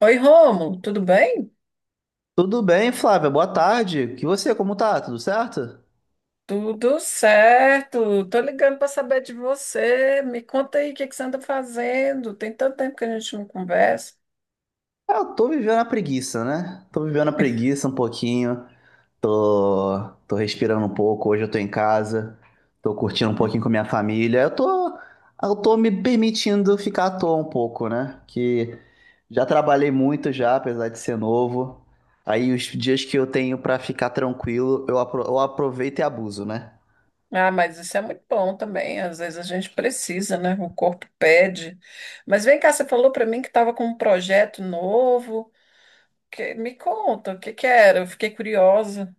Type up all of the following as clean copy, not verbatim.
Oi, Rômulo, tudo bem? Tudo bem, Flávia? Boa tarde. E você, como tá? Tudo certo? Tudo certo. Tô ligando para saber de você. Me conta aí o que que você anda fazendo. Tem tanto tempo que a gente não conversa. Ah, eu tô vivendo a preguiça, né? Tô vivendo a preguiça um pouquinho. Tô respirando um pouco. Hoje eu tô em casa. Tô curtindo um Hum. pouquinho com minha família. Eu tô me permitindo ficar à toa um pouco, né? Que já trabalhei muito já, apesar de ser novo. Aí os dias que eu tenho pra ficar tranquilo, eu aproveito e abuso, né? Ah, mas isso é muito bom também. Às vezes a gente precisa, né? O corpo pede. Mas vem cá, você falou para mim que estava com um projeto novo. Me conta, o que que era? Eu fiquei curiosa.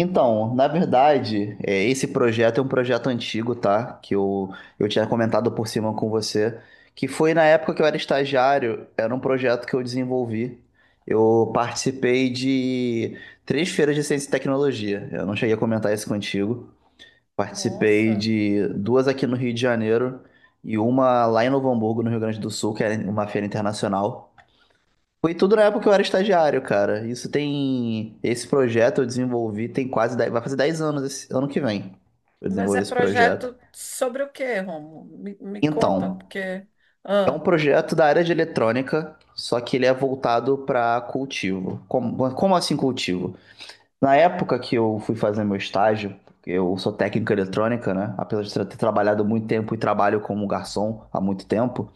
Então, na verdade, esse projeto é um projeto antigo, tá? Que eu tinha comentado por cima com você, que foi na época que eu era estagiário, era um projeto que eu desenvolvi. Eu participei de três feiras de ciência e tecnologia. Eu não cheguei a comentar isso contigo. Participei Nossa, de duas aqui no Rio de Janeiro e uma lá em Novo Hamburgo, no Rio Grande do Sul, que era uma feira internacional. Foi tudo na época que eu era estagiário, cara. Isso tem. Esse projeto eu desenvolvi tem quase 10, vai fazer 10 anos esse ano que vem. Eu mas desenvolvi é esse projeto. projeto sobre o quê, Rômulo? Me conta, Então, porque. é um Ah, projeto da área de eletrônica, só que ele é voltado para cultivo. Como assim cultivo? Na época que eu fui fazer meu estágio, eu sou técnico em eletrônica, né? Apesar de ter trabalhado muito tempo e trabalho como garçom há muito tempo,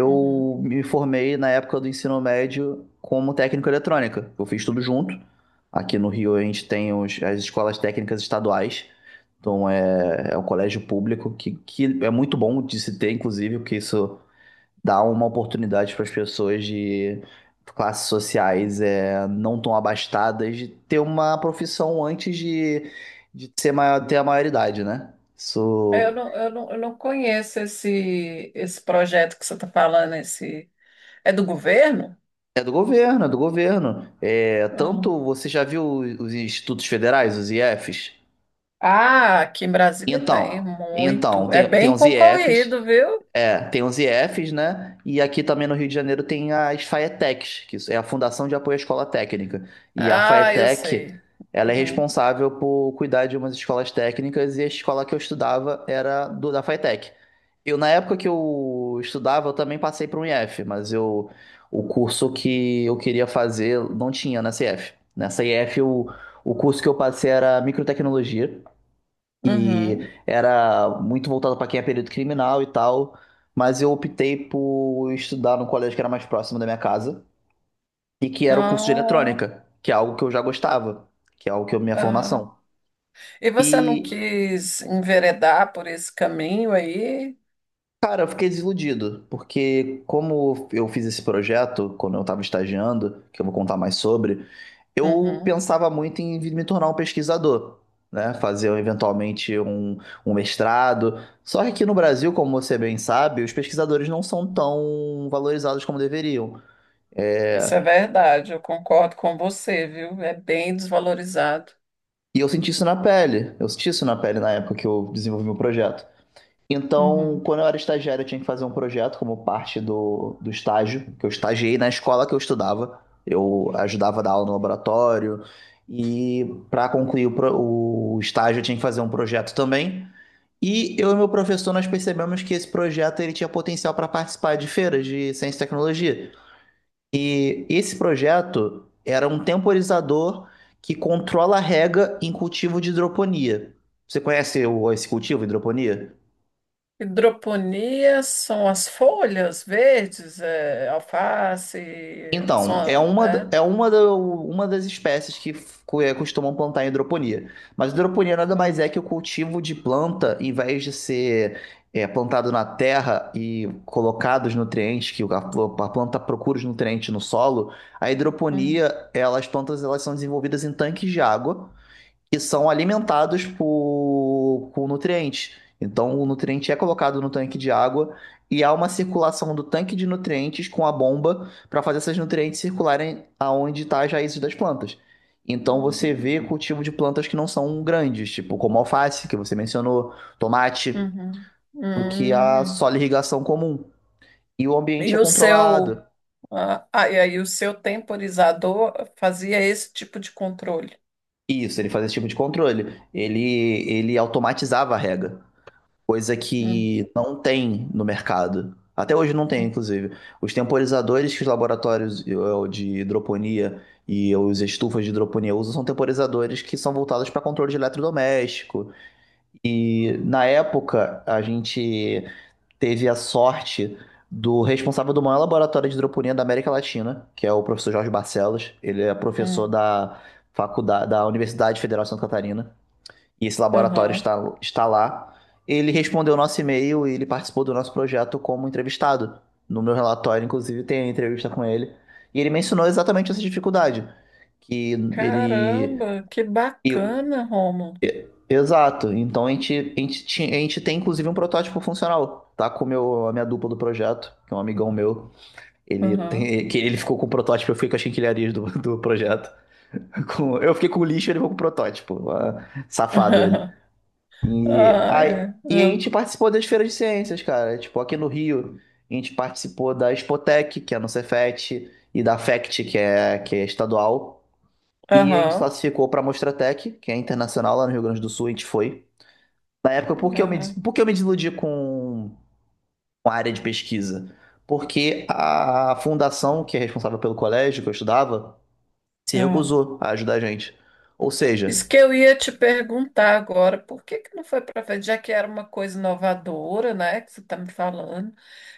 uhum. me formei na época do ensino médio como técnico em eletrônica. Eu fiz tudo junto. Aqui no Rio a gente tem as escolas técnicas estaduais. Então é um colégio público que é muito bom de se ter, inclusive, porque isso dá uma oportunidade para as pessoas de classes sociais não tão abastadas de ter uma profissão antes de ser maior, ter a maioridade, né? É, Isso Eu não conheço esse projeto que você está falando. Esse... É do governo? é do governo, é do governo. É, Não. tanto você já viu os institutos federais, os IEFs? Ah, aqui em Brasília tem Então, então muito. É tem, tem bem os IEFs concorrido, viu? Tem os IEFs, né? E aqui também no Rio de Janeiro tem as FAETECs, que isso é a Fundação de Apoio à Escola Técnica. E a Ah, eu FAETEC, sei. ela é Uhum. responsável por cuidar de umas escolas técnicas e a escola que eu estudava era do, da FAETEC. Eu, na época que eu estudava, eu também passei para um IF, mas eu, o curso que eu queria fazer não tinha nessa IF. Nessa IF, o curso que eu passei era Microtecnologia, que Uhum. era muito voltado para quem é período criminal e tal, mas eu optei por estudar num colégio que era mais próximo da minha casa e que era o curso de Não. eletrônica, que é algo que eu já gostava, que é algo que é a minha Ah. formação. E você não E quis enveredar por esse caminho aí? cara, eu fiquei desiludido, porque como eu fiz esse projeto quando eu estava estagiando, que eu vou contar mais sobre, eu Uhum. pensava muito em vir me tornar um pesquisador, né? Fazer eventualmente um mestrado. Só que aqui no Brasil, como você bem sabe, os pesquisadores não são tão valorizados como deveriam. Isso é É, verdade, eu concordo com você, viu? É bem desvalorizado. e eu senti isso na pele, eu senti isso na pele na época que eu desenvolvi meu projeto. Então, Uhum. quando eu era estagiário, eu tinha que fazer um projeto como parte do estágio, que eu estagiei na escola que eu estudava. Eu ajudava a dar aula no laboratório. E para concluir o estágio, eu tinha que fazer um projeto também. E eu e meu professor, nós percebemos que esse projeto ele tinha potencial para participar de feiras de ciência e tecnologia. E esse projeto era um temporizador que controla a rega em cultivo de hidroponia. Você conhece esse cultivo, hidroponia? Hidroponia são as folhas verdes, é, alface, Então, é são, uma, da- é? é uma, da- uma das espécies que costumam plantar em hidroponia. Mas hidroponia nada mais Hum, é que o cultivo de planta, em vez de ser plantado na terra e colocado os nutrientes, que a planta procura os nutrientes no solo, a hum, hidroponia, ela, as plantas elas são desenvolvidas em tanques de água, que são alimentados por nutrientes. Então, o nutriente é colocado no tanque de água e há uma circulação do tanque de nutrientes com a bomba para fazer esses nutrientes circularem aonde está as raízes das plantas. Então, você vê cultivo de plantas que não são grandes, tipo como alface, que você mencionou, tomate, uhum, do que a hum. só irrigação comum. E o ambiente E é o seu, controlado. E aí o seu temporizador fazia esse tipo de controle. Isso, ele fazia esse tipo de controle. Ele automatizava a rega. Coisa Hum, que não tem no mercado. Até hoje não tem, hum, inclusive. Os temporizadores que os laboratórios de hidroponia e os estufas de hidroponia usam são temporizadores que são voltados para controle de eletrodoméstico. E na época a gente teve a sorte do responsável do maior laboratório de hidroponia da América Latina, que é o professor Jorge Barcelos. Ele é professor hum. da faculdade da Universidade Federal de Santa Catarina e esse laboratório Aham. está lá. Ele respondeu o nosso e-mail e ele participou do nosso projeto como entrevistado. No meu relatório, inclusive, tem a entrevista com ele. E ele mencionou exatamente essa dificuldade. Que ele. Caramba, que e- bacana, Romulo. Exato. Então a gente tem, inclusive, um protótipo funcional. Tá com meu, a minha dupla do projeto, que é um amigão meu. Ele Aham. tem, que ele ficou com o protótipo, eu fiquei com as quinquilharias do projeto. Eu fiquei com o lixo, ele ficou com o protótipo. Ah, safado ele. E Ah, aí, é. e a Ah, gente participou das feiras de ciências, cara. Tipo, aqui no Rio, a gente participou da Expotec, que é no Cefet, e da FECT, que é estadual. E a gente aham. classificou para a Mostratec, que é internacional lá no Rio Grande do Sul, a gente foi. Na época, por que eu me, des- Aham. por que eu me desiludi com a área de pesquisa? Porque a fundação, que é responsável pelo colégio que eu estudava, se Aham. recusou a ajudar a gente. Ou seja, Isso que eu ia te perguntar agora, por que que não foi para frente, já que era uma coisa inovadora, né, que você está me falando,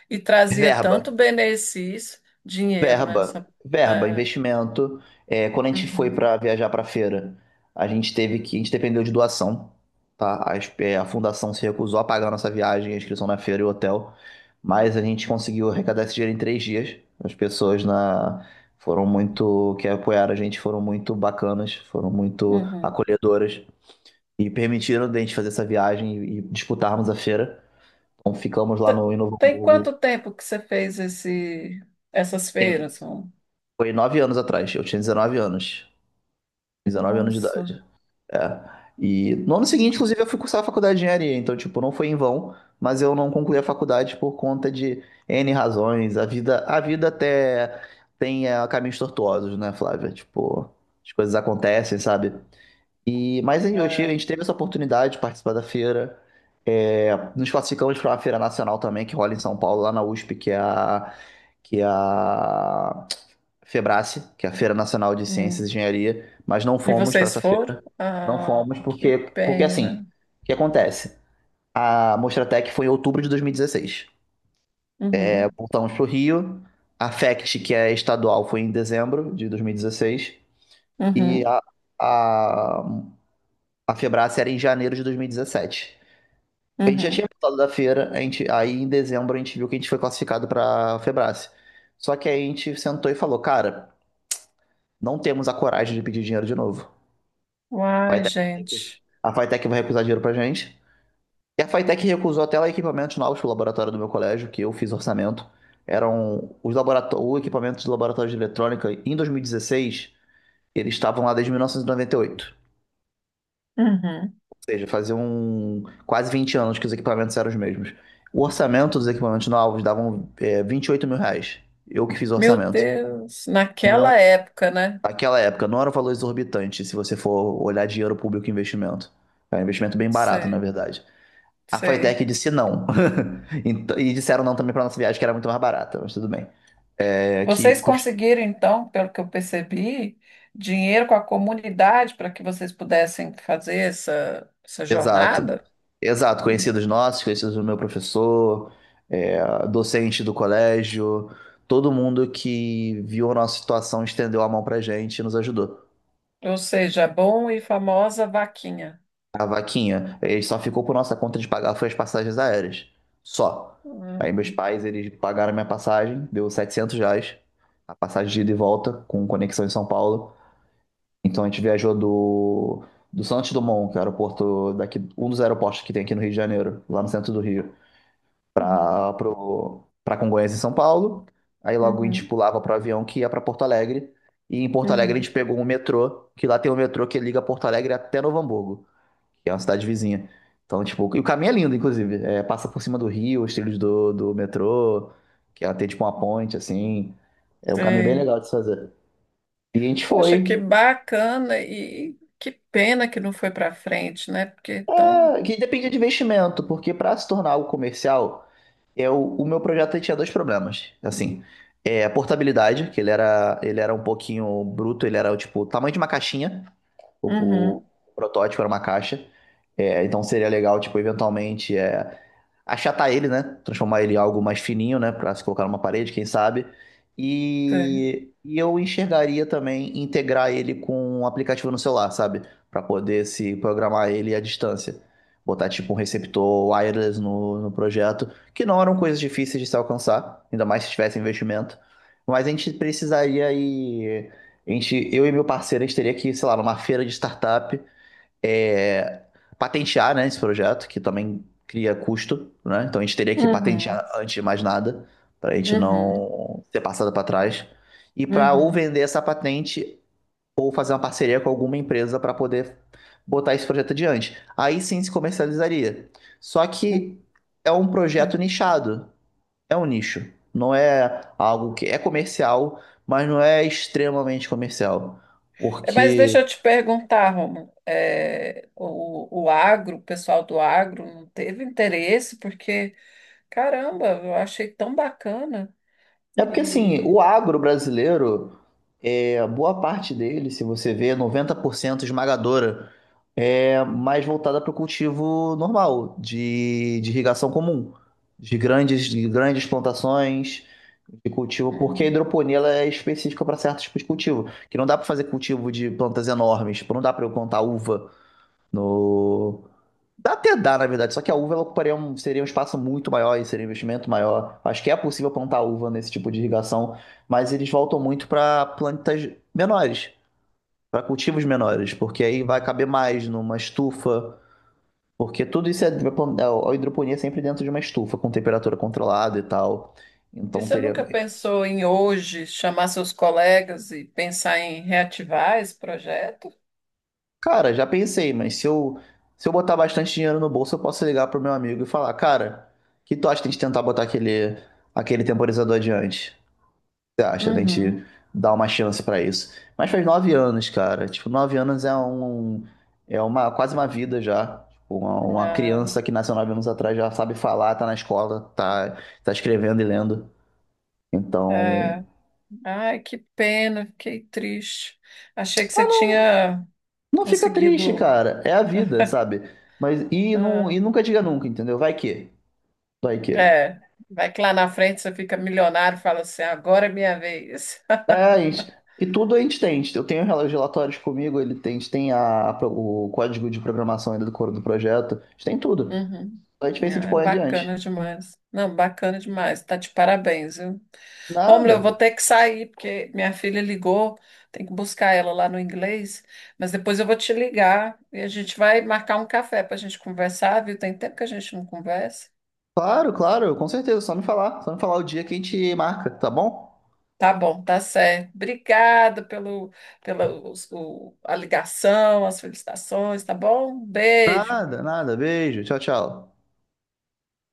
e trazia tanto verba. benefício, dinheiro, né? Verba, verba, é, investimento. É, quando a gente foi uhum, para viajar para feira, a gente dependeu de doação, tá? A fundação se recusou a pagar a nossa viagem, a inscrição na feira e o hotel, mas a gente conseguiu arrecadar esse dinheiro em 3 dias. As pessoas na foram muito que apoiaram a gente, foram muito bacanas, foram muito uhum. acolhedoras e permitiram a gente fazer essa viagem e disputarmos a feira. Então ficamos lá Te- no em Novo Tem Hamburgo. quanto tempo que você fez essas feiras? Rô? Foi 9 anos atrás, eu tinha 19 anos. dezenove anos de Nossa. idade. É. E no ano seguinte, Hum, inclusive, eu fui cursar a faculdade de engenharia, então, tipo, não foi em vão, mas eu não concluí a faculdade por conta de N razões. A vida até tem caminhos tortuosos, né, Flávia? Tipo, as coisas acontecem, sabe? E, mas aí eu tive- a é, gente teve essa oportunidade de participar da feira. É, nos classificamos para uma feira nacional também, que rola em São Paulo, lá na USP, que é a Febrace, que é a Feira Nacional de Ciências hum. e Engenharia, mas não E fomos para vocês essa foram? feira. Não Ah, fomos que porque assim, pena. o que acontece? A Mostratec foi em outubro de 2016. É, Uhum, voltamos para o Rio. A FECT, que é estadual, foi em dezembro de 2016. E uhum, a, a Febrace era em janeiro de 2017. A gente já tinha uhum. voltado da feira, a gente, aí em dezembro a gente viu que a gente foi classificado para a Febrace. Só que aí a gente sentou e falou, cara, não temos a coragem de pedir dinheiro de novo. A Uai, Fitec vai recusar, gente. a Fitec vai recusar dinheiro pra gente. E a Fitec recusou até lá equipamentos novos pro laboratório do meu colégio, que eu fiz orçamento. Eram o equipamento do laboratório de eletrônica em 2016, eles estavam lá desde 1998. Uhum. Ou seja, faziam quase 20 anos que os equipamentos eram os mesmos. O orçamento dos equipamentos novos davam 28 mil reais. Eu que fiz o Meu orçamento. Deus, naquela Não, época, né? naquela época, não era um valor exorbitante se você for olhar dinheiro público e investimento. É um investimento bem barato, na Sei, verdade. A sei. Flytech disse não. E disseram não também para nossa viagem, que era muito mais barata, mas tudo bem. É, que Vocês cust... conseguiram, então, pelo que eu percebi, dinheiro com a comunidade para que vocês pudessem fazer essa Exato. jornada? Exato, Hum. conhecidos nossos, conhecidos do meu professor, docente do colégio, todo mundo que viu a nossa situação estendeu a mão pra gente e nos ajudou. Ou seja, a bom e famosa vaquinha. A vaquinha, ele só ficou por nossa conta de pagar foi as passagens aéreas. Só. Aí meus Hum, pais, eles pagaram minha passagem, deu R$ 700, a passagem de ida e volta, com conexão em São Paulo. Então a gente viajou do Santos Dumont, que é o aeroporto daqui, um dos aeroportos que tem aqui no Rio de Janeiro, lá no centro do Rio, Uhum, para para Congonhas em São Paulo. Aí logo a gente uhum, pulava para o avião que ia para Porto Alegre. E em Porto Alegre a gente uhum, pegou um metrô, que lá tem um metrô que liga Porto Alegre até Novo Hamburgo, que é uma cidade vizinha. Então, tipo, e o caminho é lindo, inclusive. É, passa por cima do rio, os trilhos do metrô, que ela tem tipo uma ponte, assim. É um caminho bem sei. legal de se fazer. E a gente Poxa, que foi. bacana e que pena que não foi para frente, né? Porque tão. É, que depende de investimento, porque para se tornar algo comercial, eu, o meu projeto tinha dois problemas. Assim, é a portabilidade, que ele era um pouquinho bruto, ele era tipo o tamanho de uma caixinha. O, o Uhum, protótipo era uma caixa. É, então seria legal, tipo, eventualmente é, achatar ele, né? Transformar ele em algo mais fininho, né? Pra se colocar numa parede, quem sabe. sei. E eu enxergaria também integrar ele com um aplicativo no celular, sabe? Pra poder se programar ele à distância. Botar tipo um receptor wireless no projeto, que não eram coisas difíceis de se alcançar, ainda mais se tivesse investimento. Mas a gente, eu e meu parceiro, a gente teria que, sei lá, numa feira de startup, é, patentear, né, esse projeto, que também cria custo, né? Então a gente teria que patentear Uhum, antes de mais nada, para a gente uhum, não ser passado para trás. E para ou vender essa patente ou fazer uma parceria com alguma empresa para poder botar esse projeto adiante. Aí sim se comercializaria. Só uhum. que é um projeto nichado. É um nicho. Não é algo que é comercial, mas não é extremamente comercial. É, mas deixa Porque. eu te perguntar, Romulo, é, o agro, o pessoal do agro não teve interesse, porque, caramba, eu achei tão bacana. É porque assim, E, o agro brasileiro, é, boa parte dele, se você vê, 90% esmagadora, é mais voltada para o cultivo normal, de irrigação comum, de grandes plantações de cultivo, porque a uhum. hidroponia ela é específica para certos tipos de cultivo, que não dá para fazer cultivo de plantas enormes, tipo, não dá para eu plantar uva no, Dá até dá, na verdade, só que a uva ela ocuparia um, seria um espaço muito maior e seria um investimento maior. Acho que é possível plantar uva nesse tipo de irrigação, mas eles voltam muito para plantas menores, para cultivos menores, porque aí vai caber mais numa estufa, porque tudo isso é a hidroponia é sempre dentro de uma estufa com temperatura controlada e tal. E Então você teria, nunca pensou em hoje chamar seus colegas e pensar em reativar esse projeto? cara, já pensei, mas se eu botar bastante dinheiro no bolso, eu posso ligar pro meu amigo e falar, cara, que tu acha que a gente tentar botar aquele temporizador adiante? Você acha da gente Uhum. dar uma chance pra isso? Mas faz 9 anos, cara. Tipo, 9 anos é uma quase uma vida já. Tipo, uma Ah, criança que nasceu 9 anos atrás já sabe falar, tá na escola, tá, tá escrevendo e lendo. Então, é. Ai, que pena, fiquei triste. Achei que ah, você não, tinha não fica triste, conseguido. cara. É a vida, sabe? Mas e não, Ah, e nunca diga nunca, entendeu? Vai que, vai que. é, vai que lá na frente você fica milionário e fala assim, agora é minha vez. É, a gente, e tudo a gente tem. Eu tenho os relatórios comigo, ele tem, a gente tem a, o código de programação ainda do coro do projeto. A gente tem tudo. Uhum. A gente diferença de Ah, é pôr adiante. bacana demais. Não, bacana demais. Tá de parabéns, viu? Romulo, eu vou Nada. ter que sair, porque minha filha ligou, tem que buscar ela lá no inglês, mas depois eu vou te ligar e a gente vai marcar um café para a gente conversar, viu? Tem tempo que a gente não conversa. Claro, claro, com certeza. Só me falar o dia que a gente marca, tá bom? Tá bom, tá certo. Obrigada pelo, pela os- o- a ligação, as felicitações, tá bom? Beijo. Nada, nada. Beijo. Tchau, tchau.